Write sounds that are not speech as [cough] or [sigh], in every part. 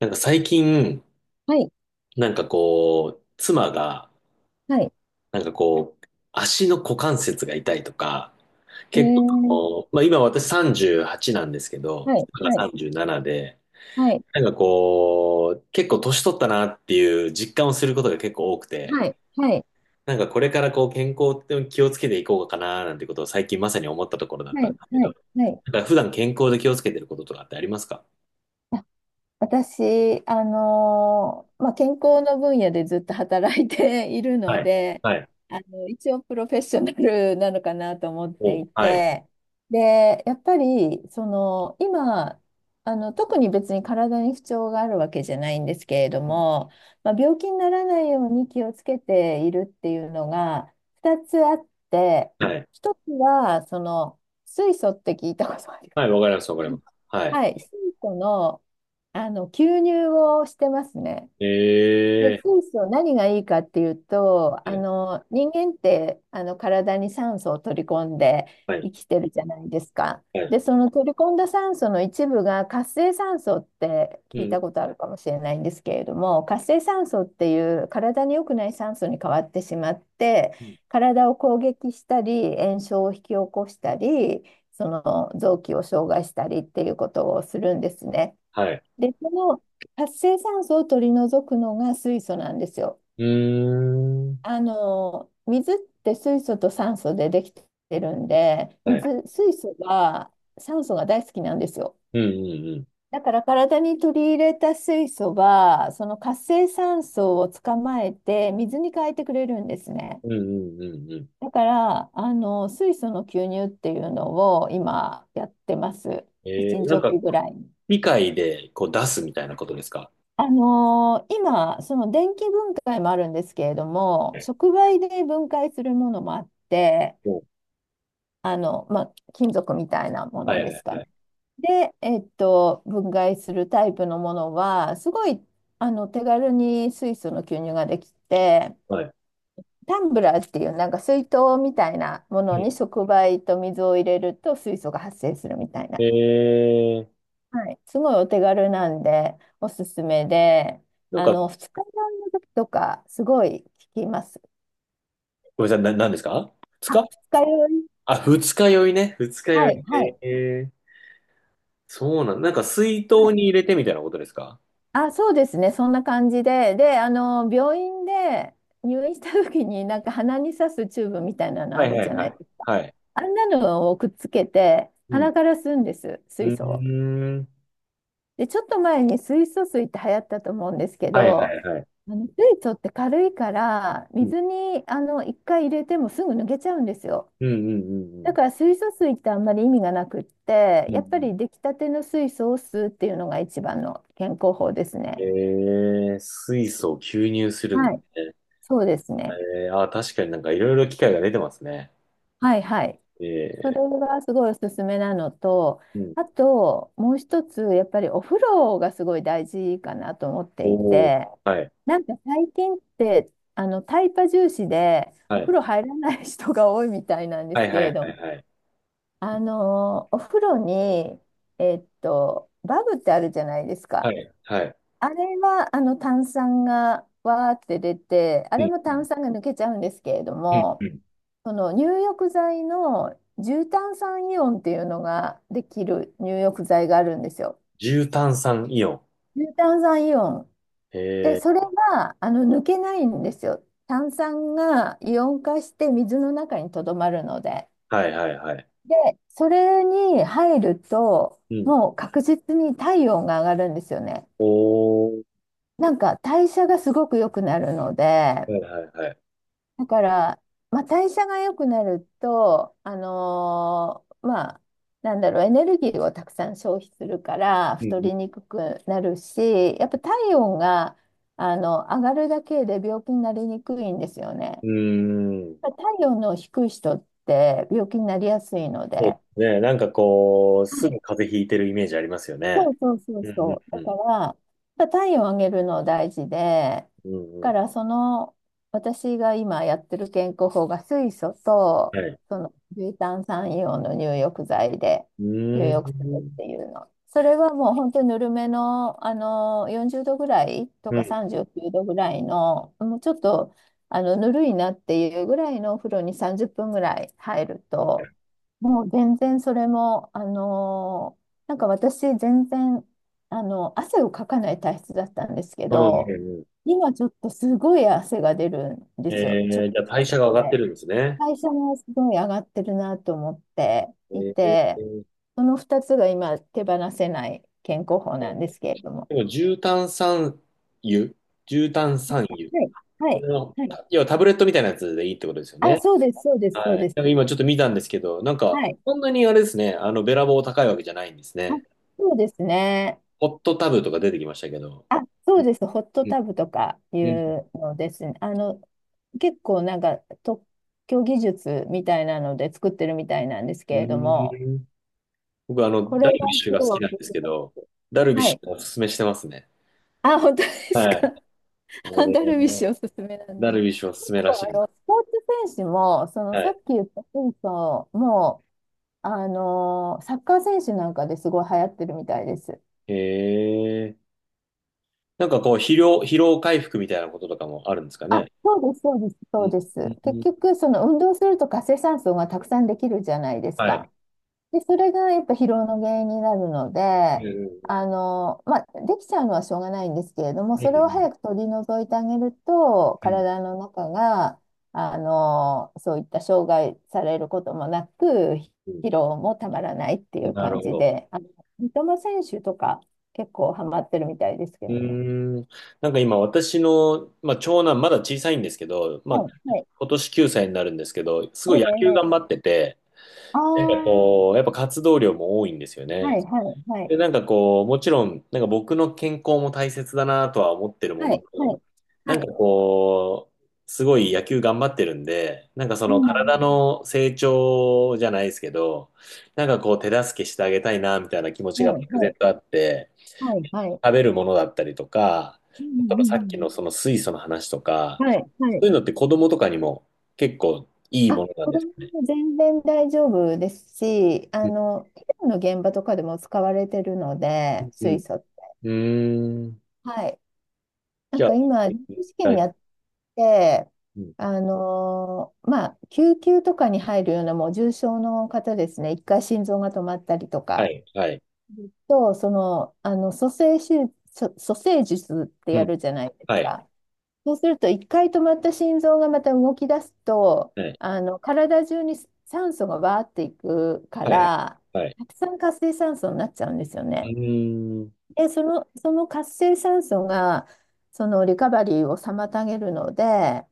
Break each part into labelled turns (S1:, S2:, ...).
S1: なんか最近、
S2: はい、
S1: なんかこう、妻が、
S2: はい、
S1: なんかこう、足の股関節が痛いとか、
S2: え
S1: 結構
S2: ー、
S1: こう、まあ今私38なんですけど、
S2: はい、
S1: 妻が
S2: はい、
S1: 37で、
S2: はい、
S1: なんかこう、結構年取ったなっていう実感をすることが結構多くて、
S2: はい、はい、
S1: なんかこれからこう健康って気をつけていこうかななんてことを最近まさに思ったところだっ
S2: はい、
S1: たんですけ
S2: は
S1: ど、
S2: い、はい。あ、
S1: なんか普段健康で気をつけてることとかってありますか？
S2: 私、健康の分野でずっと働いている
S1: は
S2: の
S1: い。
S2: で、
S1: はい。
S2: 一応プロフェッショナルなのかなと思ってい
S1: お、はい。
S2: て、で、やっぱり、今、特に別に体に不調があるわけじゃないんですけれども、まあ、病気にならないように気をつけているっていうのが2つあって、
S1: はい。
S2: 一つは、水素って聞いたことあります
S1: はい、わかります、わかります。はい。
S2: はい、水素の、吸入をしてますね。で、
S1: え。
S2: そうそう、何がいいかっていうと、
S1: はい。
S2: 人間って、体に酸素を取り込んで
S1: はい。
S2: 生きてるじゃないですか。
S1: はい。
S2: で、その取り込んだ酸素の一部が活性酸素って
S1: う
S2: 聞い
S1: ん。
S2: たことあるかもしれないんですけれども、活性酸素っていう体に良くない酸素に変わってしまって、
S1: うん。
S2: 体を攻撃したり、炎症を引き起こしたり、その臓器を障害したりっていうことをするんですね。
S1: はい。
S2: で、その活性酸素を取り除くのが水素なんですよ。
S1: うーん。
S2: 水って水素と酸素でできてるんで、
S1: はい。
S2: 水素は酸素が大好きなんですよ。
S1: うんうん
S2: だから体に取り入れた水素は、その活性酸素を捕まえて水に変えてくれるんですね。
S1: うん。うんうんうんうん。
S2: だから、水素の吸入っていうのを今やってます。1日
S1: なん
S2: お
S1: か、
S2: きぐらいに。
S1: 議会でこう出すみたいなことですか？
S2: 今、その電気分解もあるんですけれど
S1: は
S2: も、
S1: い。
S2: 触媒で分解するものもあって、
S1: お、
S2: まあ、金属みたいなも
S1: は
S2: の
S1: いは
S2: です
S1: い
S2: か
S1: は
S2: ね。
S1: い。
S2: で、分解するタイプのものは、すごい、手軽に水素の吸入ができて、
S1: はい。
S2: タンブラーっていうなんか水筒みたいなも
S1: う
S2: の
S1: ん。
S2: に触媒と水を入れると水素が発生するみたいな。
S1: えー、
S2: はい、すごいお手軽なんで、おすすめで、
S1: なんか、
S2: 二日酔いの時とか、すごい効きます。
S1: ごめんなさい、何ですか？二日。
S2: あ、二日酔い。
S1: あ、二日酔いね。二日
S2: は
S1: 酔い。
S2: い、はい、
S1: えー、そうなん、なんか水
S2: は
S1: 筒
S2: い。
S1: に入れてみたいなことですか？
S2: あ、そうですね、そんな感じで、で、病院で入院した時に、なんか鼻に刺すチューブみたいなの
S1: は
S2: あ
S1: い
S2: る
S1: は
S2: じ
S1: い
S2: ゃ
S1: は
S2: ない
S1: い。
S2: ですか。
S1: はい。
S2: あんなのをくっつけて、
S1: うん。
S2: 鼻から吸うんです、
S1: う
S2: 水
S1: ー
S2: 素を。
S1: ん。
S2: で、ちょっと前に水素水って流行ったと思うんですけ
S1: はいは
S2: ど、
S1: いはい。
S2: あの水素って軽いから
S1: うん。
S2: 水にあの一回入れてもすぐ抜けちゃうんですよ。
S1: うんうんうんう
S2: だ
S1: ん。
S2: から水素水ってあんまり意味がなくって、
S1: うんう
S2: やっぱ
S1: ん。
S2: り出来たての水素を吸うっていうのが一番の健康法です
S1: え
S2: ね。
S1: ー、水素を吸入するん
S2: はい。
S1: だね。
S2: そうですね。
S1: えー、あー、確かになんかいろいろ機械が出てますね。
S2: はい、はい。それ
S1: え
S2: がすごいおすすめなのと、
S1: ー、うん。
S2: あともう一つやっぱりお風呂がすごい大事かなと思ってい
S1: おー、
S2: て、
S1: はい、
S2: なんか最近ってあのタイパ重視で
S1: は
S2: お
S1: い、
S2: 風呂入らない人が多いみたいなんで
S1: はい、
S2: すけ
S1: はい、
S2: れ
S1: は
S2: ど、
S1: い、はい、
S2: お風呂に、バブってあるじゃないです
S1: は
S2: か。
S1: い、は
S2: あれは、炭酸がわーって出て、あれ
S1: い、
S2: も炭酸が抜けちゃうんですけれど
S1: うん、う
S2: も、
S1: ん、うん。
S2: その入浴剤の重炭酸イオンっていうのができる入浴剤があるんですよ。
S1: 重炭酸イオン。
S2: 重炭酸イオン。で、
S1: え
S2: それが、抜けないんですよ。炭酸がイオン化して水の中にとどまるので。
S1: ー、はい、はい、はい、
S2: で、それに入ると、
S1: うん。
S2: もう確実に体温が上がるんですよね。
S1: おー、
S2: なんか代謝がすごく良くなるので、
S1: はい、はい、はい。
S2: だから、まあ、代謝が良くなると、なんだろう、エネルギーをたくさん消費するから
S1: う
S2: 太
S1: ん
S2: りにくくなるし、やっぱ体温があの上がるだけで病気になりにくいんですよね。
S1: うん、うーん。
S2: 体温の低い人って病気になりやすいの
S1: そうで
S2: で。
S1: すね。なんかこう、す
S2: はい、
S1: ぐ風邪ひいてるイメージありますよ
S2: そ
S1: ね。
S2: うそうそう
S1: うん、
S2: そう。
S1: うん、
S2: だ
S1: う
S2: か
S1: ん、
S2: ら、やっぱ体温を上げるの大事で、
S1: う
S2: だ
S1: ん、う
S2: か
S1: ん。
S2: らその、私が今やってる健康法が水素と、
S1: はい。
S2: その重炭酸イオンの入浴剤で
S1: うー
S2: 入浴するっ
S1: ん。
S2: ていうの。それはもう本当にぬるめの、あの40度ぐらいと
S1: うん、
S2: か
S1: う
S2: 39度ぐらいの、もうちょっとあのぬるいなっていうぐらいのお風呂に30分ぐらい入ると、もう全然それも、なんか私、全然、汗をかかない体質だったんですけ
S1: ん、うん、
S2: ど、
S1: うん。
S2: 今ちょっとすごい汗が出るんで
S1: え
S2: すよ。ちょっ
S1: ー、じゃ
S2: と
S1: あ
S2: した
S1: 代謝
S2: こ
S1: が
S2: と
S1: 上がって
S2: で。
S1: るんですね。
S2: 代謝もすごい上がってるなと思って
S1: え
S2: いて、
S1: ー、
S2: その2つが今手放せない健康法なんですけれども。
S1: でも、重炭酸油、重炭酸
S2: は
S1: 油。
S2: い、は
S1: こ
S2: い、
S1: の、
S2: はい。
S1: た要はタブレットみたいなやつでいいってことですよ
S2: あ、
S1: ね。
S2: そうです、そうです、そう
S1: はい。
S2: です。
S1: 今ちょっと見たんですけど、なん
S2: は
S1: か、
S2: い。
S1: そんなにあれですね、あの、べらぼう高いわけじゃないんです
S2: あ、
S1: ね。
S2: そうですね。
S1: ホットタブとか出てきましたけど。
S2: あ、
S1: う
S2: そう
S1: ん
S2: です。ホット
S1: う
S2: タブとかい
S1: んうん
S2: うのですね。結構なんか特許技術みたいなので作ってるみたいなんですけ
S1: う
S2: れども、
S1: ん。僕、あの、
S2: こ
S1: ダ
S2: れが
S1: ルビッシュ
S2: す
S1: が好
S2: ごい
S1: き
S2: お
S1: な
S2: す
S1: ん
S2: す
S1: ですけ
S2: め
S1: ど、
S2: です。
S1: ダルビッ
S2: は
S1: シ
S2: い。
S1: ュがおすすめしてますね。
S2: あ、本当です
S1: はい。
S2: か。
S1: え
S2: [laughs] アンダルビッ
S1: ー、
S2: シュおすすめなんだ。
S1: ダルビッシュおす
S2: 結
S1: すめらし
S2: 構あ
S1: い。
S2: の、スポーツ選手も、その
S1: は
S2: さっ
S1: い。
S2: き言った選手も、サッカー選手なんかですごい流行ってるみたいです。
S1: へえ。なんかこう、疲労回復みたいなこととかもあるんですか
S2: あ、
S1: ね。
S2: そうです、そうです、
S1: う
S2: そう
S1: ん
S2: です。
S1: う
S2: 結
S1: ん。
S2: 局、その運動すると活性酸素がたくさんできるじゃないです
S1: はい。
S2: か。で、それがやっぱ疲労の原因になるの
S1: うん
S2: で、
S1: う
S2: まあ、できちゃうのはしょうがないんですけれども、
S1: んう
S2: それを
S1: ん
S2: 早く取り除いてあげると、
S1: うん
S2: 体の中が、そういった障害されることもなく、
S1: うん
S2: 疲労もたまらないってい
S1: うん。
S2: う
S1: なる
S2: 感
S1: ほ
S2: じ
S1: ど。
S2: で、三笘選手とか結構ハマってるみたいですけ
S1: う
S2: どね。
S1: ーん。なんか今私の、まあ、長男まだ小さいんですけど、ま
S2: は
S1: あ、
S2: い、はい。
S1: 今年9歳になるんですけど、す
S2: え
S1: ごい野球
S2: え、
S1: 頑張っ
S2: ええ、
S1: てて、
S2: ああ。
S1: こう、やっぱ活動量も多いんですよ
S2: は
S1: ね。
S2: い、はい、はい、
S1: で、なんかこう、もちろん、なんか僕の健康も大切だなとは思ってるも
S2: は
S1: の
S2: い、は
S1: の、
S2: い、は
S1: なんか
S2: い、
S1: こう、すごい野球頑張ってるんで、なんかそ
S2: う
S1: の体
S2: ん、
S1: の成長じゃないですけど、なんかこう手助けしてあげたいなみたいな気持ちが
S2: うん、
S1: 漠
S2: は
S1: 然
S2: い、
S1: とあって、
S2: はい、はい、はい、
S1: 食べるものだったりとか、
S2: うん、
S1: その
S2: う
S1: さっき
S2: ん、
S1: のその水素の話とか、
S2: うん、はい、は
S1: そう
S2: い。
S1: いうのって子供とかにも結構いい
S2: あ、
S1: ものなん
S2: 子
S1: で
S2: 供
S1: すね。
S2: も全然大丈夫ですし、
S1: うん。
S2: 医療の現場とかでも使われてるので、
S1: うん。
S2: 水素って。
S1: うーん。
S2: はい。な
S1: じ
S2: ん
S1: ゃ
S2: か今、臨床試
S1: あ、は
S2: 験や
S1: い。
S2: って、
S1: うん。
S2: 救急とかに入るようなもう重症の方ですね、一回心臓が止まったりと
S1: は
S2: か、
S1: い。はい。
S2: と、蘇生手術、蘇生術って
S1: う
S2: や
S1: ん。
S2: るじゃないです
S1: はい。
S2: か。そうすると、一回止まった心臓がまた動き出すと、
S1: はい。
S2: 体中に酸素がわーっていくか
S1: はいはい。
S2: ら、
S1: はい。
S2: たくさん活性酸素になっちゃうんですよ
S1: う
S2: ね。
S1: ーん。
S2: で、その活性酸素が、そのリカバリーを妨げるので、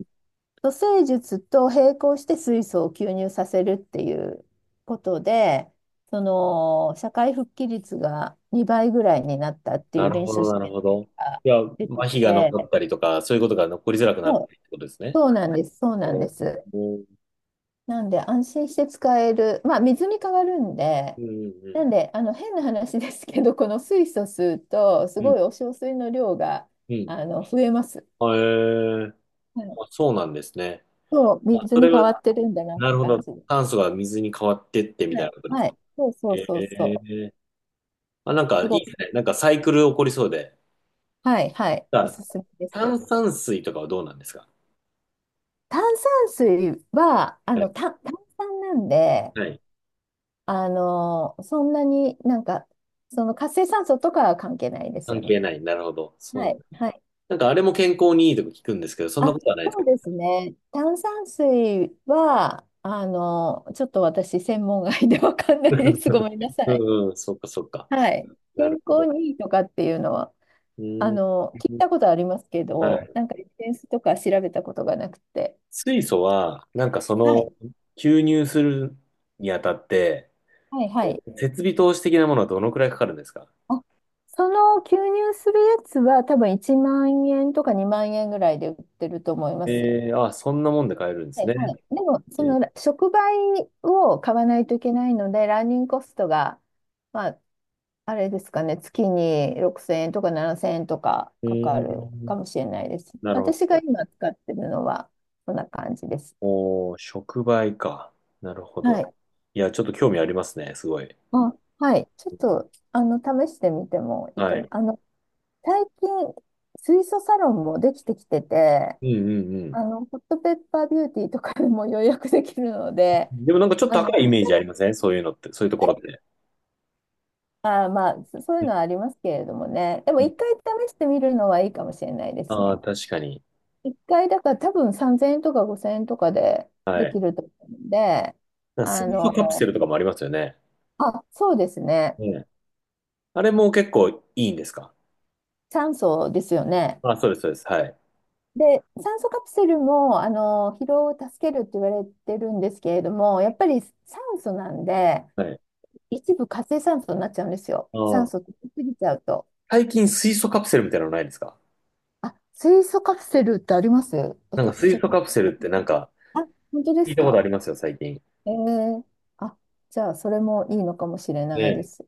S2: 蘇生術と並行して水素を吸入させるっていうことで、その社会復帰率が2倍ぐらいになったってい
S1: な
S2: う
S1: る
S2: 臨
S1: ほ
S2: 床
S1: ど、
S2: 試
S1: なる
S2: 験
S1: ほ
S2: の結
S1: ど。
S2: 果が
S1: いや、
S2: 出てき
S1: 麻痺が残っ
S2: て、
S1: たりとか、そういうことが残りづらくなっ
S2: そ
S1: た
S2: う、
S1: りってことですね。
S2: そうなんです、そうなんです。
S1: おー。
S2: なんで安心して使える、まあ水に変わるんで、
S1: うん、う
S2: な
S1: ん、
S2: んであの変な話ですけど、この水素吸うと、す
S1: うん、
S2: ごいお小水の量が
S1: うん。
S2: あの増えます。
S1: へえ。
S2: はい、
S1: あ、そうなんですね。
S2: そう、
S1: あ、
S2: 水
S1: そ
S2: に
S1: れ
S2: 変
S1: は、
S2: わってるんだなっ
S1: な
S2: て
S1: るほ
S2: 感
S1: ど。
S2: じ。
S1: 炭素が水に変わってってみ
S2: は
S1: たいな
S2: い、
S1: ことです
S2: は
S1: か。
S2: い、そうそう
S1: へ
S2: そうそう、
S1: え。あ、なんか
S2: す
S1: い
S2: ご
S1: い
S2: い、
S1: ですね。なんかサイクル起こりそうで。
S2: はい、はい、お
S1: あ、
S2: すすめです。
S1: 炭酸水とかはどうなんですか？
S2: 炭酸水は、
S1: はい。
S2: 炭酸なんで、
S1: はい。
S2: そんなになんか、その活性酸素とかは関係ないです
S1: 関
S2: よね。
S1: 係ない。なるほど。そ
S2: は
S1: うな
S2: い、
S1: ん。
S2: はい。
S1: なんかあれも健康にいいとか聞くんですけど、そんな
S2: あ、
S1: ことはないです
S2: そ
S1: か？
S2: うですね。炭酸水は、ちょっと私、専門外でわかんないです。ご
S1: [laughs]
S2: めんなさい。
S1: うんうん、そっかそっか。
S2: はい。
S1: な
S2: 健
S1: るほ
S2: 康
S1: ど。
S2: にいいとかっていうのは、
S1: うーん。
S2: 聞いたことありますけ
S1: は
S2: ど、
S1: い。
S2: なんかエッセンスとか調べたことがなくて。
S1: 水素は、なんかそ
S2: は
S1: の、
S2: い。
S1: 吸入するにあたって、
S2: はい、はい。
S1: 設備投資的なものはどのくらいかかるんですか？
S2: あ、その吸入するやつは多分1万円とか2万円ぐらいで売ってると思います。
S1: えー、あ、そんなもんで買えるんで
S2: は
S1: す
S2: い、
S1: ね。
S2: はい。でも、
S1: え
S2: そ
S1: ー。
S2: の触媒を買わないといけないので、ランニングコストが、まあ、あれですかね、月に6000円とか7000円とか
S1: うー
S2: かかる
S1: ん、
S2: かもしれないです。
S1: なるほ
S2: 私が
S1: ど。
S2: 今使ってるのは、こんな感じです。
S1: おー、触媒か。なるほ
S2: は
S1: ど。
S2: い。
S1: いや、ちょっと興味ありますね、すごい。
S2: あ、はい。ちょっと、試してみてもいい
S1: は
S2: かも。
S1: い。
S2: 最近、水素サロンもできてきてて、
S1: うんうんう
S2: ホットペッパービューティーとかでも予約できるので、
S1: ん。でもなんかちょっと高いイ
S2: 一
S1: メージあ
S2: 回、
S1: りませんそういうのって、そういうところって。
S2: あー、まあ、そうい
S1: う
S2: う
S1: ん
S2: のはありますけれどもね。でも、
S1: うん。
S2: 一回試してみるのはいいかもしれないです
S1: ああ、
S2: ね。
S1: 確かに。
S2: 一回、だから多分3000円とか5000円とかで
S1: は
S2: で
S1: い。
S2: きると思うんで、
S1: なんか
S2: あ
S1: 水素カプセ
S2: の、
S1: ルとかもありますよね。
S2: あ、そうですね。
S1: ね。あれも結構いいんですか？
S2: 酸素ですよね。
S1: あ、そうです、そうです。はい。
S2: で、酸素カプセルも、疲労を助けるって言われてるんですけれども、やっぱり酸素なんで、
S1: はい。
S2: 一部活性酸素になっちゃうんですよ。
S1: あ
S2: 酸素
S1: あ、
S2: 取りすぎちゃうと。
S1: 最近水素カプセルみたいなのないですか？
S2: あ、水素カプセルってあります、
S1: なんか
S2: 私ち
S1: 水
S2: ょっ
S1: 素
S2: と。
S1: カプセルってなんか
S2: あ、本当で
S1: 聞い
S2: す
S1: たことあ
S2: か？
S1: りますよ、最近。
S2: えー、あ、じゃあ、それもいいのかもしれないで
S1: ね。
S2: す。